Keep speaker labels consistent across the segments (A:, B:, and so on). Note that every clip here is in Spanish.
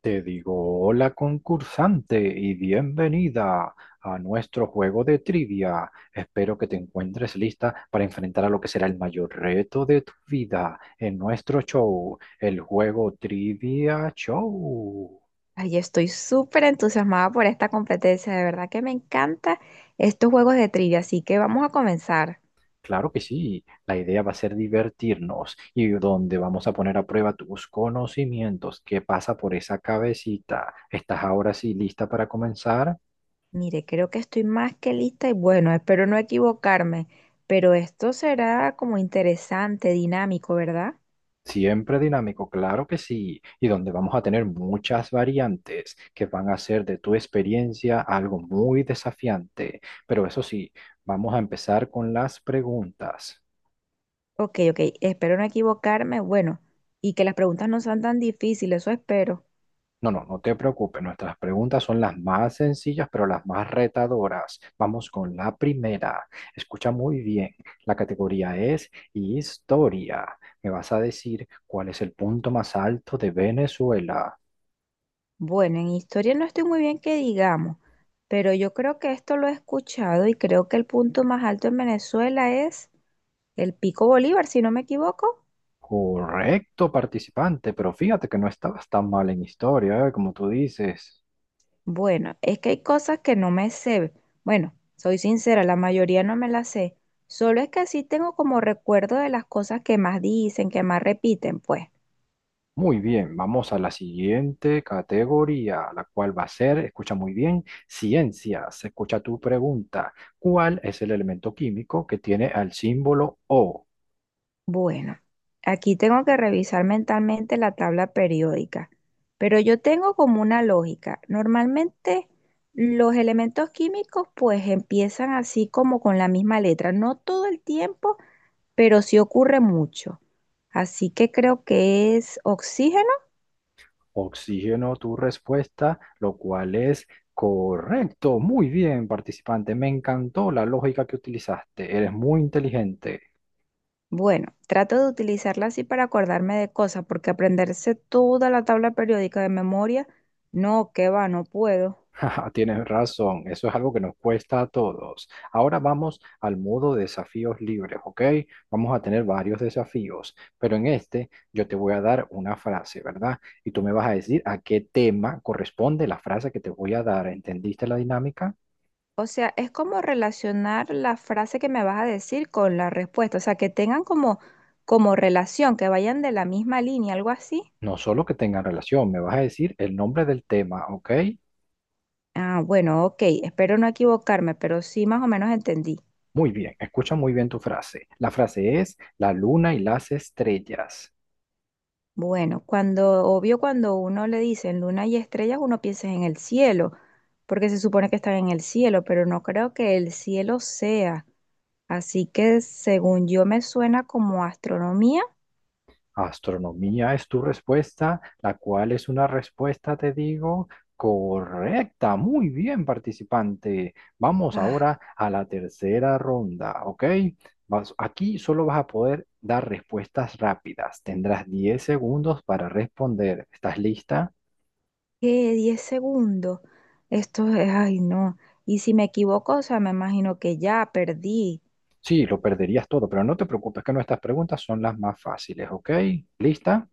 A: Te digo, hola concursante y bienvenida a nuestro juego de trivia. Espero que te encuentres lista para enfrentar a lo que será el mayor reto de tu vida en nuestro show, el juego Trivia Show.
B: Ay, estoy súper entusiasmada por esta competencia, de verdad que me encanta estos juegos de trivia, así que vamos a comenzar.
A: Claro que sí, la idea va a ser divertirnos y donde vamos a poner a prueba tus conocimientos. ¿Qué pasa por esa cabecita? ¿Estás ahora sí lista para comenzar?
B: Mire, creo que estoy más que lista y bueno, espero no equivocarme, pero esto será como interesante, dinámico, ¿verdad?
A: Siempre dinámico, claro que sí, y donde vamos a tener muchas variantes que van a hacer de tu experiencia algo muy desafiante. Pero eso sí, vamos a empezar con las preguntas.
B: Ok, ok, espero no equivocarme, bueno, y que las preguntas no sean tan difíciles, eso espero.
A: No, no, no te preocupes, nuestras preguntas son las más sencillas, pero las más retadoras. Vamos con la primera. Escucha muy bien, la categoría es historia. Me vas a decir cuál es el punto más alto de Venezuela.
B: Bueno, en historia no estoy muy bien que digamos, pero yo creo que esto lo he escuchado y creo que el punto más alto en Venezuela es el Pico Bolívar, si no me equivoco.
A: Correcto, participante, pero fíjate que no estabas tan mal en historia, ¿eh? Como tú dices.
B: Bueno, es que hay cosas que no me sé. Bueno, soy sincera, la mayoría no me las sé. Solo es que sí tengo como recuerdo de las cosas que más dicen, que más repiten, pues.
A: Muy bien, vamos a la siguiente categoría, la cual va a ser, escucha muy bien, ciencias. Escucha tu pregunta. ¿Cuál es el elemento químico que tiene al símbolo O?
B: Bueno, aquí tengo que revisar mentalmente la tabla periódica, pero yo tengo como una lógica. Normalmente los elementos químicos pues empiezan así como con la misma letra, no todo el tiempo, pero sí ocurre mucho. Así que creo que es oxígeno.
A: Oxígeno, tu respuesta, lo cual es correcto. Muy bien, participante, me encantó la lógica que utilizaste. Eres muy inteligente.
B: Bueno, trato de utilizarla así para acordarme de cosas, porque aprenderse toda la tabla periódica de memoria, no, que va, no puedo.
A: Tienes razón, eso es algo que nos cuesta a todos. Ahora vamos al modo desafíos libres, ¿ok? Vamos a tener varios desafíos, pero en este yo te voy a dar una frase, ¿verdad? Y tú me vas a decir a qué tema corresponde la frase que te voy a dar. ¿Entendiste la dinámica?
B: O sea, es como relacionar la frase que me vas a decir con la respuesta, o sea, que tengan como, como relación, que vayan de la misma línea, algo así.
A: No solo que tengan relación, me vas a decir el nombre del tema, ¿ok?
B: Ah, bueno, ok, espero no equivocarme, pero sí más o menos entendí.
A: Muy bien, escucha muy bien tu frase. La frase es la luna y las estrellas.
B: Bueno, cuando, obvio, cuando uno le dicen luna y estrellas, uno piensa en el cielo, porque se supone que están en el cielo, pero no creo que el cielo sea. Así que según yo me suena como astronomía.
A: Astronomía es tu respuesta, la cual es una respuesta, te digo, correcta. Muy bien, participante. Vamos
B: Ah,
A: ahora a la tercera ronda, ¿ok? Aquí solo vas a poder dar respuestas rápidas. Tendrás 10 segundos para responder. ¿Estás lista?
B: ¿qué? 10 segundos. Esto es, ay, no. Y si me equivoco, o sea, me imagino que ya perdí.
A: Sí, lo perderías todo, pero no te preocupes que nuestras preguntas son las más fáciles, ¿ok? ¿Lista?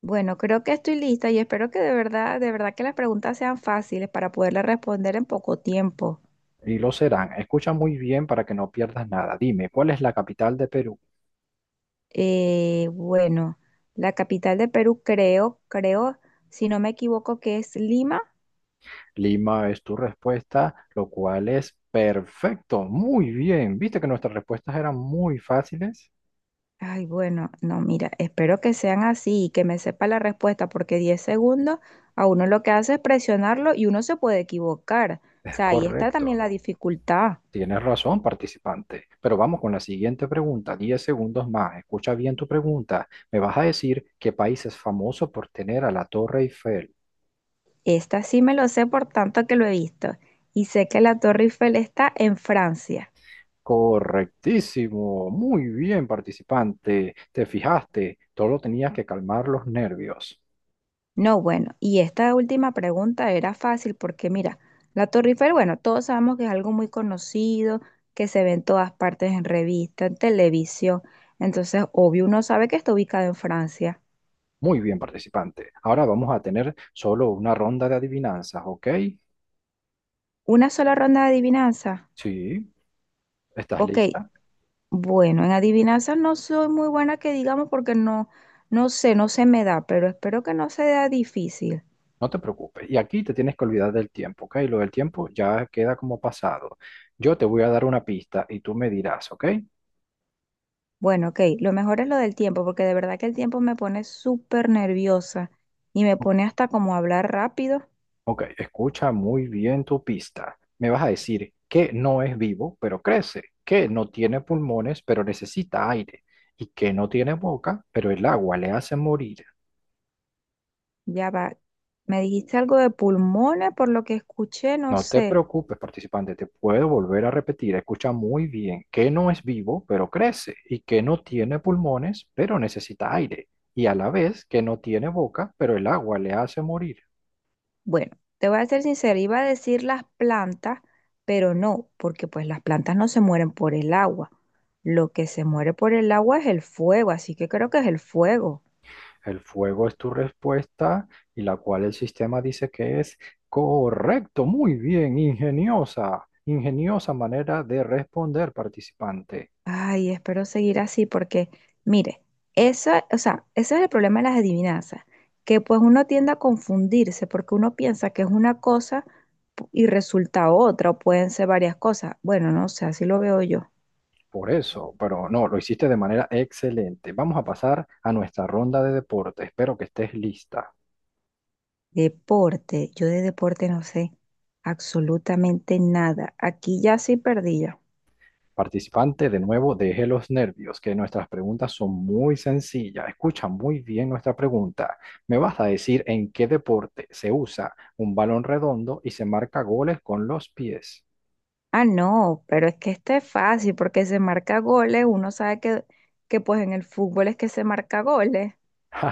B: Bueno, creo que estoy lista y espero que de verdad que las preguntas sean fáciles para poderle responder en poco tiempo.
A: Y lo serán. Escucha muy bien para que no pierdas nada. Dime, ¿cuál es la capital de Perú?
B: Eh, bueno, la capital de Perú creo, si no me equivoco, que es Lima.
A: Lima es tu respuesta, lo cual es perfecto. Muy bien. Viste que nuestras respuestas eran muy fáciles.
B: Ay, bueno, no, mira, espero que sean así y que me sepa la respuesta, porque 10 segundos a uno lo que hace es presionarlo y uno se puede equivocar. O
A: Es
B: sea, ahí está también
A: correcto.
B: la dificultad.
A: Tienes razón, participante. Pero vamos con la siguiente pregunta. 10 segundos más. Escucha bien tu pregunta. Me vas a decir qué país es famoso por tener a la Torre Eiffel.
B: Esta sí me lo sé por tanto que lo he visto. Y sé que la Torre Eiffel está en Francia.
A: Correctísimo. Muy bien, participante. Te fijaste. Solo tenías que calmar los nervios.
B: No, bueno, y esta última pregunta era fácil porque mira, la Torre Eiffel, bueno, todos sabemos que es algo muy conocido, que se ve en todas partes, en revistas, en televisión. Entonces, obvio, uno sabe que está ubicada en Francia.
A: Muy bien, participante. Ahora vamos a tener solo una ronda de adivinanzas, ¿ok?
B: Una sola ronda de adivinanza.
A: Sí, estás
B: Ok,
A: lista.
B: bueno, en adivinanza no soy muy buena que digamos porque no sé, no se me da, pero espero que no sea difícil.
A: No te preocupes. Y aquí te tienes que olvidar del tiempo, ¿ok? Lo del tiempo ya queda como pasado. Yo te voy a dar una pista y tú me dirás, ¿ok?
B: Bueno, ok, lo mejor es lo del tiempo, porque de verdad que el tiempo me pone súper nerviosa y me
A: O-
B: pone hasta como a hablar rápido.
A: Ok, escucha muy bien tu pista. Me vas a decir que no es vivo, pero crece, que no tiene pulmones, pero necesita aire, y que no tiene boca, pero el agua le hace morir.
B: Ya va. Me dijiste algo de pulmones, por lo que escuché, no
A: No te
B: sé.
A: preocupes, participante, te puedo volver a repetir. Escucha muy bien que no es vivo, pero crece, y que no tiene pulmones, pero necesita aire, y a la vez que no tiene boca, pero el agua le hace morir.
B: Bueno, te voy a ser sincera, iba a decir las plantas, pero no, porque pues las plantas no se mueren por el agua. Lo que se muere por el agua es el fuego, así que creo que es el fuego.
A: El fuego es tu respuesta, y la cual el sistema dice que es correcto, muy bien, ingeniosa, ingeniosa manera de responder, participante.
B: Ay, espero seguir así porque, mire, eso, o sea, ese es el problema de las adivinanzas, que pues uno tiende a confundirse porque uno piensa que es una cosa y resulta otra, o pueden ser varias cosas. Bueno, no sé, así lo veo yo.
A: Por eso, pero no, lo hiciste de manera excelente. Vamos a pasar a nuestra ronda de deporte. Espero que estés lista.
B: Deporte, yo de deporte no sé absolutamente nada. Aquí ya sí perdí yo.
A: Participante de nuevo, deje los nervios, que nuestras preguntas son muy sencillas. Escucha muy bien nuestra pregunta. ¿Me vas a decir en qué deporte se usa un balón redondo y se marca goles con los pies?
B: Ah, no, pero es que este es fácil porque se marca goles, uno sabe que pues en el fútbol es que se marca goles,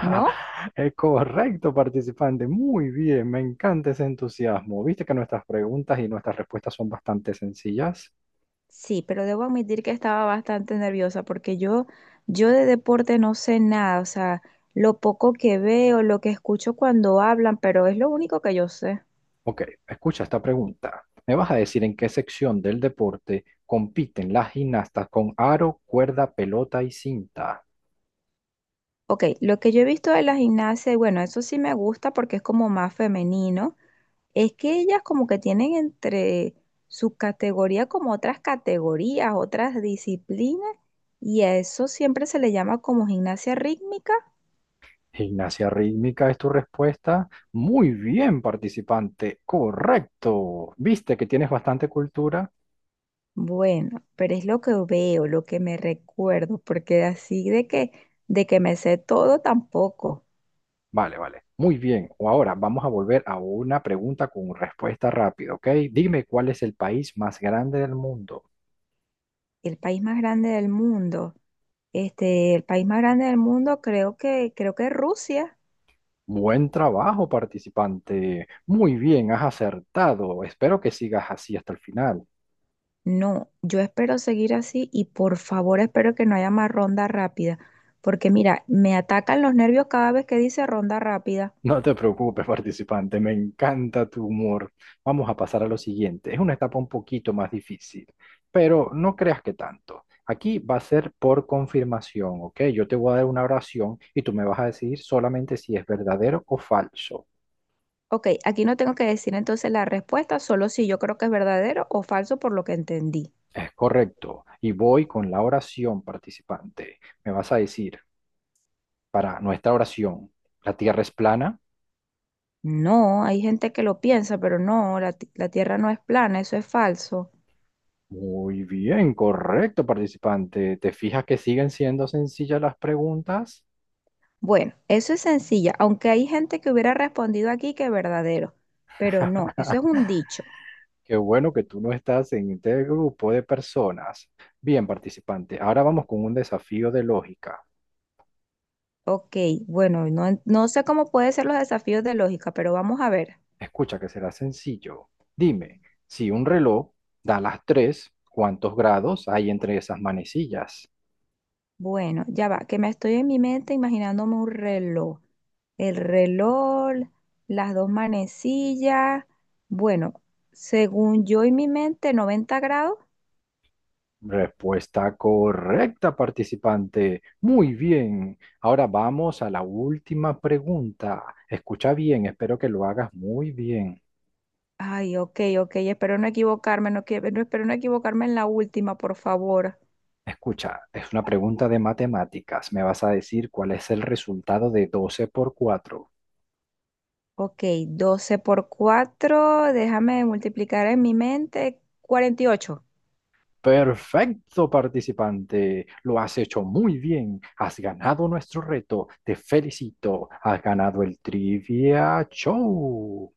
B: ¿no?
A: Es correcto, participante. Muy bien, me encanta ese entusiasmo. ¿Viste que nuestras preguntas y nuestras respuestas son bastante sencillas?
B: Sí, pero debo admitir que estaba bastante nerviosa porque yo de deporte no sé nada, o sea, lo poco que veo, lo que escucho cuando hablan, pero es lo único que yo sé.
A: Ok, escucha esta pregunta. ¿Me vas a decir en qué sección del deporte compiten las gimnastas con aro, cuerda, pelota y cinta?
B: Ok, lo que yo he visto de la gimnasia, y bueno, eso sí me gusta porque es como más femenino. Es que ellas como que tienen entre sus categorías como otras categorías, otras disciplinas, y a eso siempre se le llama como gimnasia rítmica.
A: Gimnasia rítmica es tu respuesta. Muy bien, participante. Correcto. ¿Viste que tienes bastante cultura?
B: Bueno, pero es lo que veo, lo que me recuerdo, porque así de que me sé todo tampoco.
A: Vale, vale. Muy bien. O ahora vamos a volver a una pregunta con respuesta rápida, ¿ok? Dime cuál es el país más grande del mundo.
B: El país más grande del mundo, este, el país más grande del mundo creo que es Rusia.
A: Buen trabajo, participante. Muy bien, has acertado. Espero que sigas así hasta el final.
B: No, yo espero seguir así y por favor espero que no haya más ronda rápida, porque mira, me atacan los nervios cada vez que dice ronda rápida.
A: No te preocupes, participante, me encanta tu humor. Vamos a pasar a lo siguiente. Es una etapa un poquito más difícil, pero no creas que tanto. Aquí va a ser por confirmación, ¿ok? Yo te voy a dar una oración y tú me vas a decir solamente si es verdadero o falso.
B: Ok, aquí no tengo que decir entonces la respuesta, solo si yo creo que es verdadero o falso por lo que entendí.
A: Es correcto. Y voy con la oración, participante. Me vas a decir, para nuestra oración, ¿la Tierra es plana?
B: No, hay gente que lo piensa, pero no, la Tierra no es plana, eso es falso.
A: Muy bien, correcto, participante. ¿Te fijas que siguen siendo sencillas las preguntas?
B: Bueno, eso es sencilla, aunque hay gente que hubiera respondido aquí que es verdadero, pero no, eso es un dicho.
A: Qué bueno que tú no estás en este grupo de personas. Bien, participante, ahora vamos con un desafío de lógica.
B: Ok, bueno, no sé cómo pueden ser los desafíos de lógica, pero vamos a ver.
A: Escucha que será sencillo. Dime, si un reloj da las 3, ¿cuántos grados hay entre esas manecillas?
B: Bueno, ya va, que me estoy en mi mente imaginándome un reloj. El reloj, las dos manecillas. Bueno, según yo en mi mente, 90 grados.
A: Respuesta correcta, participante. Muy bien. Ahora vamos a la última pregunta. Escucha bien, espero que lo hagas muy bien.
B: Ay, ok, ok, espero no equivocarme, espero no equivocarme en la última, por favor.
A: Escucha, es una pregunta de matemáticas. Me vas a decir cuál es el resultado de 12 por 4.
B: Ok, 12 por 4. Déjame multiplicar en mi mente. 48.
A: Perfecto, participante. Lo has hecho muy bien. Has ganado nuestro reto. Te felicito. Has ganado el Trivia Show.